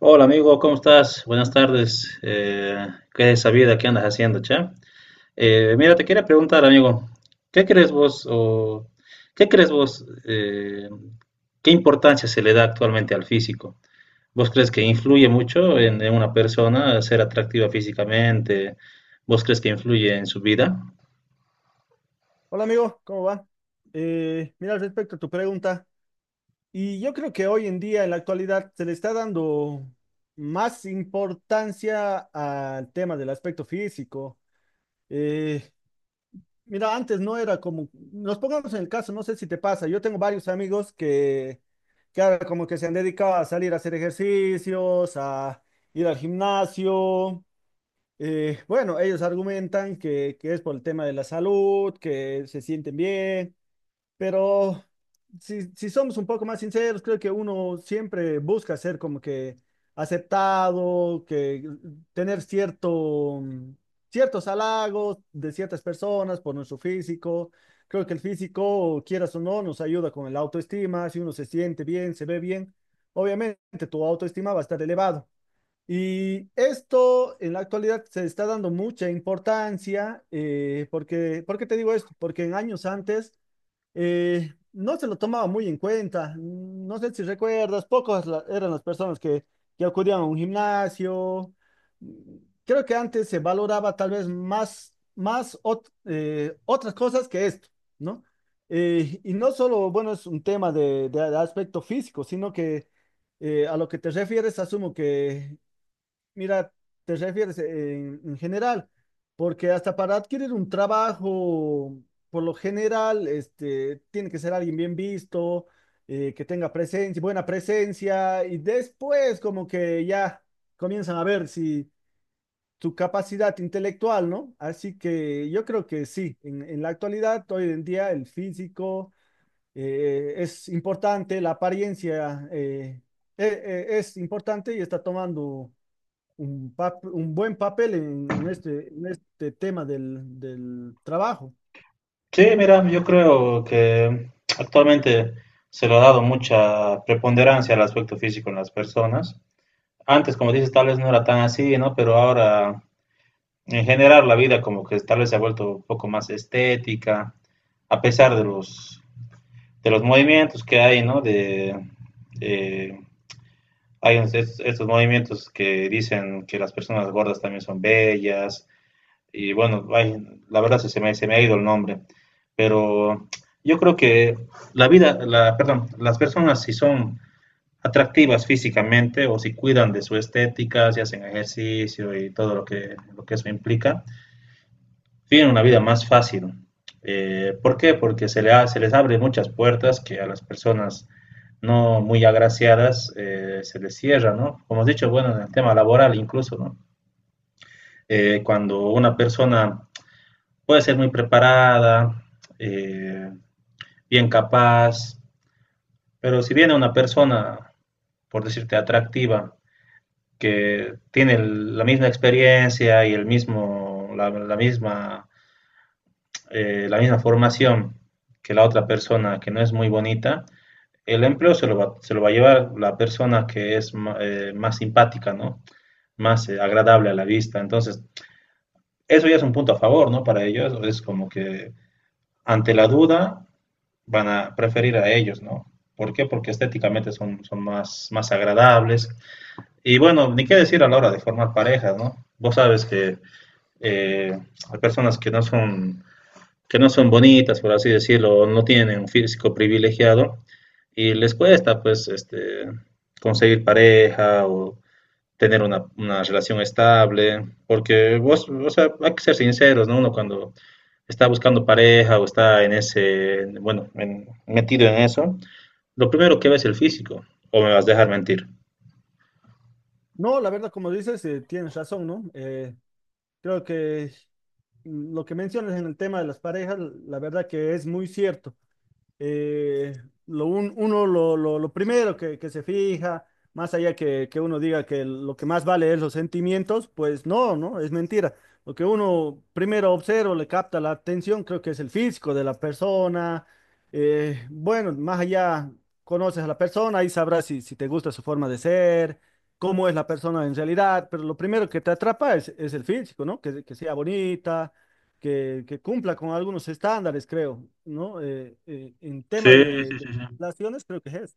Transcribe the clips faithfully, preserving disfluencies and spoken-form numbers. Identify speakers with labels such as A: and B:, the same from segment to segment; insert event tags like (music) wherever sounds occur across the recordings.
A: Hola amigo, ¿cómo estás? Buenas tardes. Eh, ¿qué es esa vida? ¿Qué andas haciendo, che? Eh, mira, te quería preguntar, amigo, ¿qué crees vos o ¿qué crees vos? eh, ¿qué importancia se le da actualmente al físico? ¿Vos crees que influye mucho en, en una persona ser atractiva físicamente? ¿Vos crees que influye en su vida?
B: Hola amigo, ¿cómo va? Eh, mira, respecto a tu pregunta, y yo creo que hoy en día, en la actualidad, se le está dando más importancia al tema del aspecto físico. Eh, mira, antes no era como, nos pongamos en el caso, no sé si te pasa, yo tengo varios amigos que, que ahora como que se han dedicado a salir a hacer ejercicios, a ir al gimnasio. Eh, bueno, ellos argumentan que, que es por el tema de la salud, que se sienten bien. Pero si, si somos un poco más sinceros, creo que uno siempre busca ser como que aceptado, que tener cierto, mm, ciertos halagos de ciertas personas por nuestro físico. Creo que el físico, quieras o no, nos ayuda con el autoestima. Si uno se siente bien, se ve bien, obviamente tu autoestima va a estar elevado. Y esto en la actualidad se está dando mucha importancia, eh, porque, ¿por qué te digo esto? Porque en años antes eh, no se lo tomaba muy en cuenta. No sé si recuerdas, pocas la- eran las personas que, que acudían a un gimnasio. Mm, Creo que antes se valoraba tal vez más, más ot- eh, otras cosas que esto, ¿no? Eh, y no solo, bueno, es un tema de, de aspecto físico, sino que eh, a lo que te refieres, asumo que mira, te refieres eh, en, en general, porque hasta para adquirir un trabajo, por lo general, este, tiene que ser alguien bien visto, eh, que tenga presencia, buena presencia, y después como que ya comienzan a ver si tu capacidad intelectual, ¿no? Así que yo creo que sí, en, en la actualidad, hoy en día, el físico eh, es importante, la apariencia eh, e- e- es importante y está tomando un, pap- un buen papel en, en este, en este tema del, del trabajo.
A: Sí, mira, yo creo que actualmente se le ha dado mucha preponderancia al aspecto físico en las personas. antes, como dices, tal vez no era tan así, ¿no? Pero ahora, en general, la vida como que tal vez se ha vuelto un poco más estética, a pesar de los, de los movimientos que hay, ¿no? De, de- hay es- estos, estos movimientos que dicen que las personas gordas también son bellas, y bueno, ay, la verdad se, se me, se me ha ido el nombre, pero yo creo que la vida, la, perdón, las personas si son atractivas físicamente o si cuidan de su estética, si hacen ejercicio y todo lo que, lo que eso implica, tienen una vida más fácil. Eh, ¿Por qué? Porque se, le ha- se les abre muchas puertas que a las personas no muy agraciadas eh, se les cierran, ¿no? Como has dicho, bueno, en el tema laboral incluso, ¿no? Eh, cuando una persona puede ser muy preparada, eh, bien capaz, pero si viene una persona, por decirte, atractiva, que tiene la misma experiencia y el mismo, la, la misma, eh, la misma formación que la otra persona que no es muy bonita, el empleo se lo va, se lo va a llevar la persona que es ma- eh, más simpática, ¿no? Más eh, agradable a la vista. Entonces, eso ya es un punto a favor, ¿no? Para ellos es como que ante la duda van a preferir a ellos, ¿no? ¿Por qué? Porque estéticamente son, son más, más agradables. Y bueno, ni qué decir a la hora de formar parejas, ¿no? Vos sabes que eh, a personas que no son, que no son bonitas, por así decirlo, o no tienen un físico privilegiado y les cuesta pues este, conseguir pareja o tener una, una relación estable, porque vos, o sea, hay que ser sinceros, ¿no? Uno cuando está buscando pareja o está en ese, bueno, en- metido en eso, lo primero que ve es el físico, o me vas a dejar mentir.
B: No, la verdad, como dices, eh, tienes razón, ¿no? Eh, creo que lo que mencionas en el tema de las parejas, la verdad que es muy cierto. eh, lo un- uno lo, lo- lo primero que, que se fija, más allá que, que uno diga que lo que más vale es los sentimientos, pues no, no, es mentira. Lo que uno primero observa, le capta la atención, creo que es el físico de la persona. Eh, bueno, más allá conoces a la persona y sabrás si, si te gusta su forma de ser, cómo es la persona en realidad, pero lo primero que te atrapa es, es el físico, ¿no? Que, que sea bonita que, que cumpla con algunos estándares, creo, ¿no? Eh, eh, en
A: Sí,
B: tema de,
A: sí,
B: de
A: sí, sí.
B: relaciones, creo que es eso.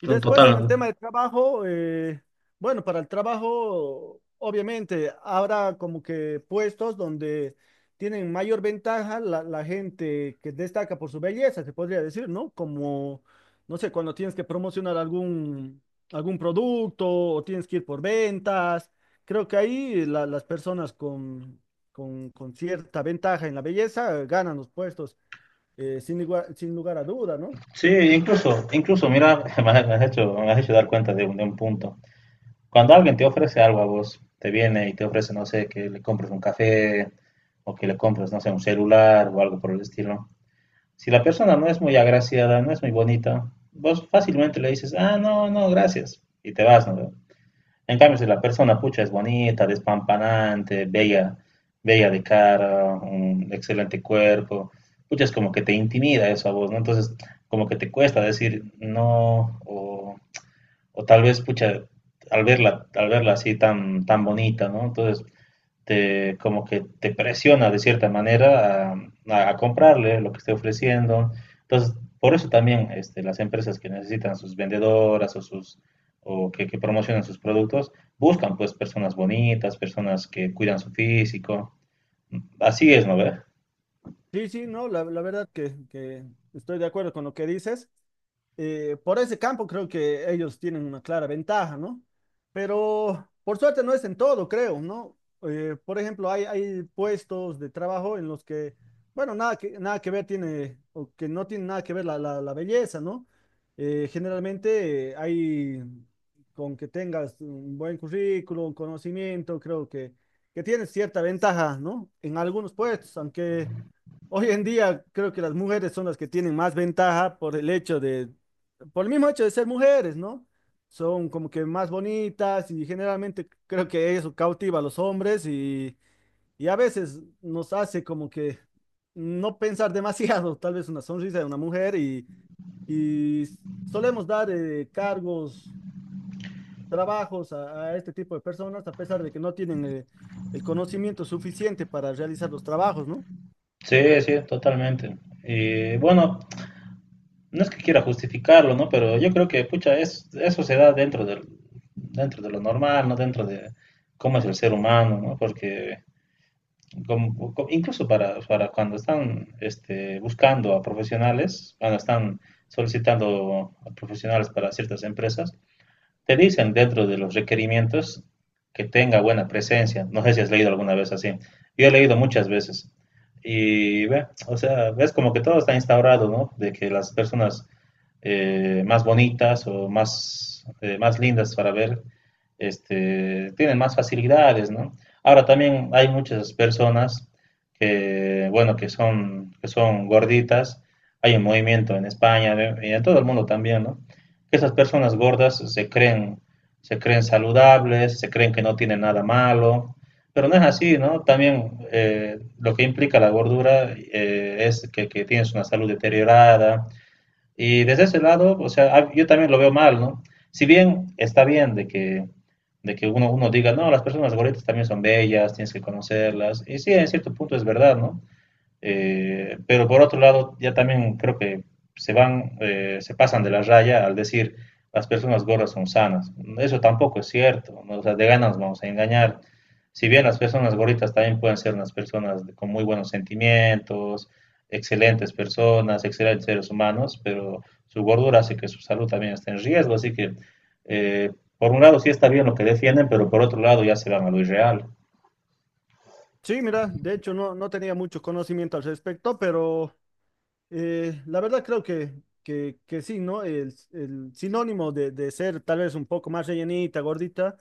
B: Y después
A: Total.
B: en el tema de trabajo, eh, bueno, para el trabajo, obviamente, habrá como que puestos donde tienen mayor ventaja la, la gente que destaca por su belleza, se podría decir, ¿no? Como, no sé, cuando tienes que promocionar algún, algún producto o tienes que ir por ventas. Creo que ahí la- las personas con, con, con cierta ventaja en la belleza eh, ganan los puestos, eh, sin, igua- sin lugar a duda, ¿no?
A: Sí, incluso, incluso, mira, (laughs) me has hecho, me has hecho dar cuenta de un, de un punto. Cuando alguien te ofrece algo a vos, te viene y te ofrece, no sé, que le compres un café o que le compres, no sé, un celular o algo por el estilo. Si la persona no es muy agraciada, no es muy bonita, vos fácilmente le dices, ah, no, no, gracias, y te vas, ¿no? En cambio, si la persona, pucha, es bonita, despampanante, bella, bella de cara, un excelente cuerpo, pucha, es como que te intimida eso a vos, ¿no? Entonces, como que te cuesta decir no, o, o tal vez, pucha, al verla, al verla así tan, tan bonita, ¿no? Entonces, te, como que te presiona de cierta manera a, a- a comprarle lo que esté ofreciendo. Entonces, por eso también este, las empresas que necesitan sus vendedoras o sus o que, que promocionan sus productos, buscan pues personas bonitas, personas que cuidan su físico. Así es, ¿no ve?
B: Sí, sí, no, la, la verdad que, que estoy de acuerdo con lo que dices. Eh, por ese campo creo que ellos tienen una clara ventaja, ¿no? Pero por suerte no es en todo, creo, ¿no? Eh, por ejemplo, hay, hay puestos de trabajo en los que, bueno, nada que, nada que ver tiene, o que no tiene nada que ver la, la, la belleza, ¿no? Eh, generalmente eh, hay, con que tengas un buen currículum, conocimiento, creo que, que tienes cierta ventaja, ¿no? En algunos puestos, aunque... Hoy en día creo que las mujeres son las que tienen más ventaja por el hecho de, por el mismo hecho de ser mujeres, ¿no? Son como que más bonitas y generalmente creo que eso cautiva a los hombres y, y a veces nos hace como que no pensar (laughs) demasiado, tal vez una sonrisa de una mujer y, y solemos dar eh, cargos, trabajos a, a este tipo de personas a pesar de que no tienen eh, el conocimiento suficiente para realizar los trabajos, ¿no?
A: Sí, sí, totalmente. Y bueno, no es que quiera justificarlo, ¿no? Pero yo creo que, pucha, es, eso se da dentro del, dentro de lo normal, ¿no? Dentro de cómo es el ser humano, ¿no? Porque como- co- incluso para, para cuando están este, buscando a profesionales, cuando están solicitando a profesionales para ciertas empresas, te dicen dentro de los requerimientos que tenga buena presencia. No sé si has leído alguna vez así. Yo he leído muchas veces. Y, ve, o sea, ves como que todo está instaurado, ¿no? De que las personas eh, más bonitas o más, eh, más lindas para ver, este, tienen más facilidades, ¿no? Ahora también hay muchas personas que, bueno, que son, que son gorditas, hay un movimiento en España ¿ve? Y en todo el mundo también, ¿no? Que esas personas gordas se creen, se creen saludables, se creen que no tienen nada malo, pero no es así, ¿no? También eh, lo que implica la gordura eh, es que, que, tienes una salud deteriorada, y desde ese lado, o sea, ah, yo también lo veo mal, ¿no? Si bien está bien de que, de que uno, uno diga, no, las personas gorditas también son bellas, tienes que conocerlas, y sí, en cierto punto es verdad, ¿no? Eh, pero por otro lado, ya también creo que se van, eh, se pasan de la raya al decir las personas gordas son sanas. Eso tampoco es cierto, ¿no? O sea, de ganas vamos a engañar. Si bien las personas gorditas también pueden ser unas personas de- con muy buenos sentimientos, excelentes personas, excelentes seres humanos, pero su gordura hace que su salud también esté en riesgo. Así que, eh, por un lado, sí está bien lo que defienden, pero por otro lado, ya se van a lo irreal.
B: Sí, mira, de hecho no, no tenía mucho conocimiento al respecto, pero eh, la verdad creo que, que, que sí, ¿no? El, el sinónimo de, de ser tal vez un poco más rellenita, gordita,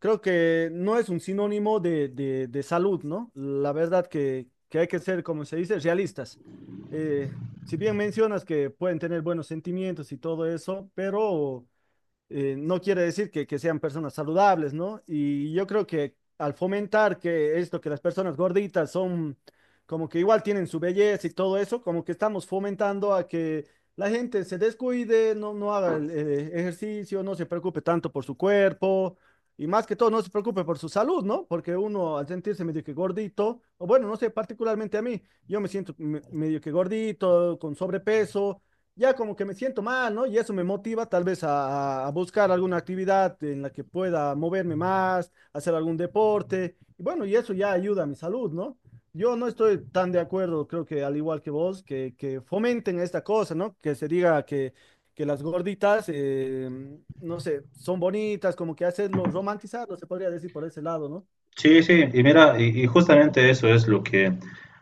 B: creo que no es un sinónimo de, de, de salud, ¿no? La verdad que, que hay que ser, como se dice, realistas. Eh, si bien mencionas que pueden tener buenos sentimientos y todo eso, pero eh, no quiere decir que, que sean personas saludables, ¿no? Y yo creo que al fomentar que esto, que las personas gorditas son como que igual tienen su belleza y todo eso, como que estamos fomentando a que la gente se descuide, no, no haga el, eh, ejercicio, no se preocupe tanto por su cuerpo. Y más que todo, no se preocupe por su salud, ¿no? Porque uno al sentirse medio que gordito, o bueno, no sé, particularmente a mí, yo me siento me- medio que gordito, con sobrepeso, ya como que me siento mal, ¿no? Y eso me motiva tal vez a, a buscar alguna actividad en la que pueda moverme más, hacer algún deporte. Y bueno, y eso ya ayuda a mi salud, ¿no? Yo no estoy tan de acuerdo, creo que al igual que vos, que, que fomenten esta cosa, ¿no? Que se diga que, que las gorditas, eh, no sé, son bonitas, como que hacerlo, romantizarlo, se podría decir por ese lado, ¿no?
A: Sí, sí, y mira, y, y justamente eso es lo que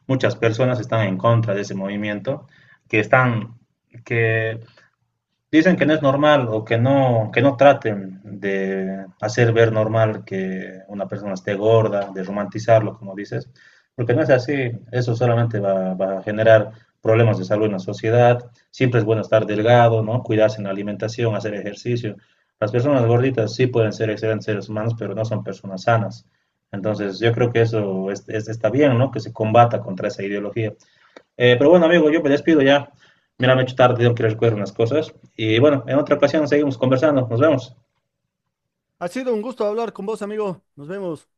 A: muchas personas están en contra de ese movimiento, que están, que dicen que no es normal o que no, que no traten de hacer ver normal que una persona esté gorda, de romantizarlo, como dices, porque no es así. Eso solamente va, va a generar problemas de salud en la sociedad. Siempre es bueno estar delgado, ¿no? Cuidarse en la alimentación, hacer ejercicio. Las personas gorditas sí pueden ser excelentes seres humanos, pero no son personas sanas. Entonces, yo creo que eso es- es- está bien, ¿no? Que se combata contra esa ideología. Eh, pero bueno, amigo, yo me despido ya. Me la han hecho tarde, tengo que recoger unas cosas. Y bueno, en otra ocasión seguimos conversando. Nos vemos.
B: Ha sido un gusto hablar con vos, amigo. Nos vemos.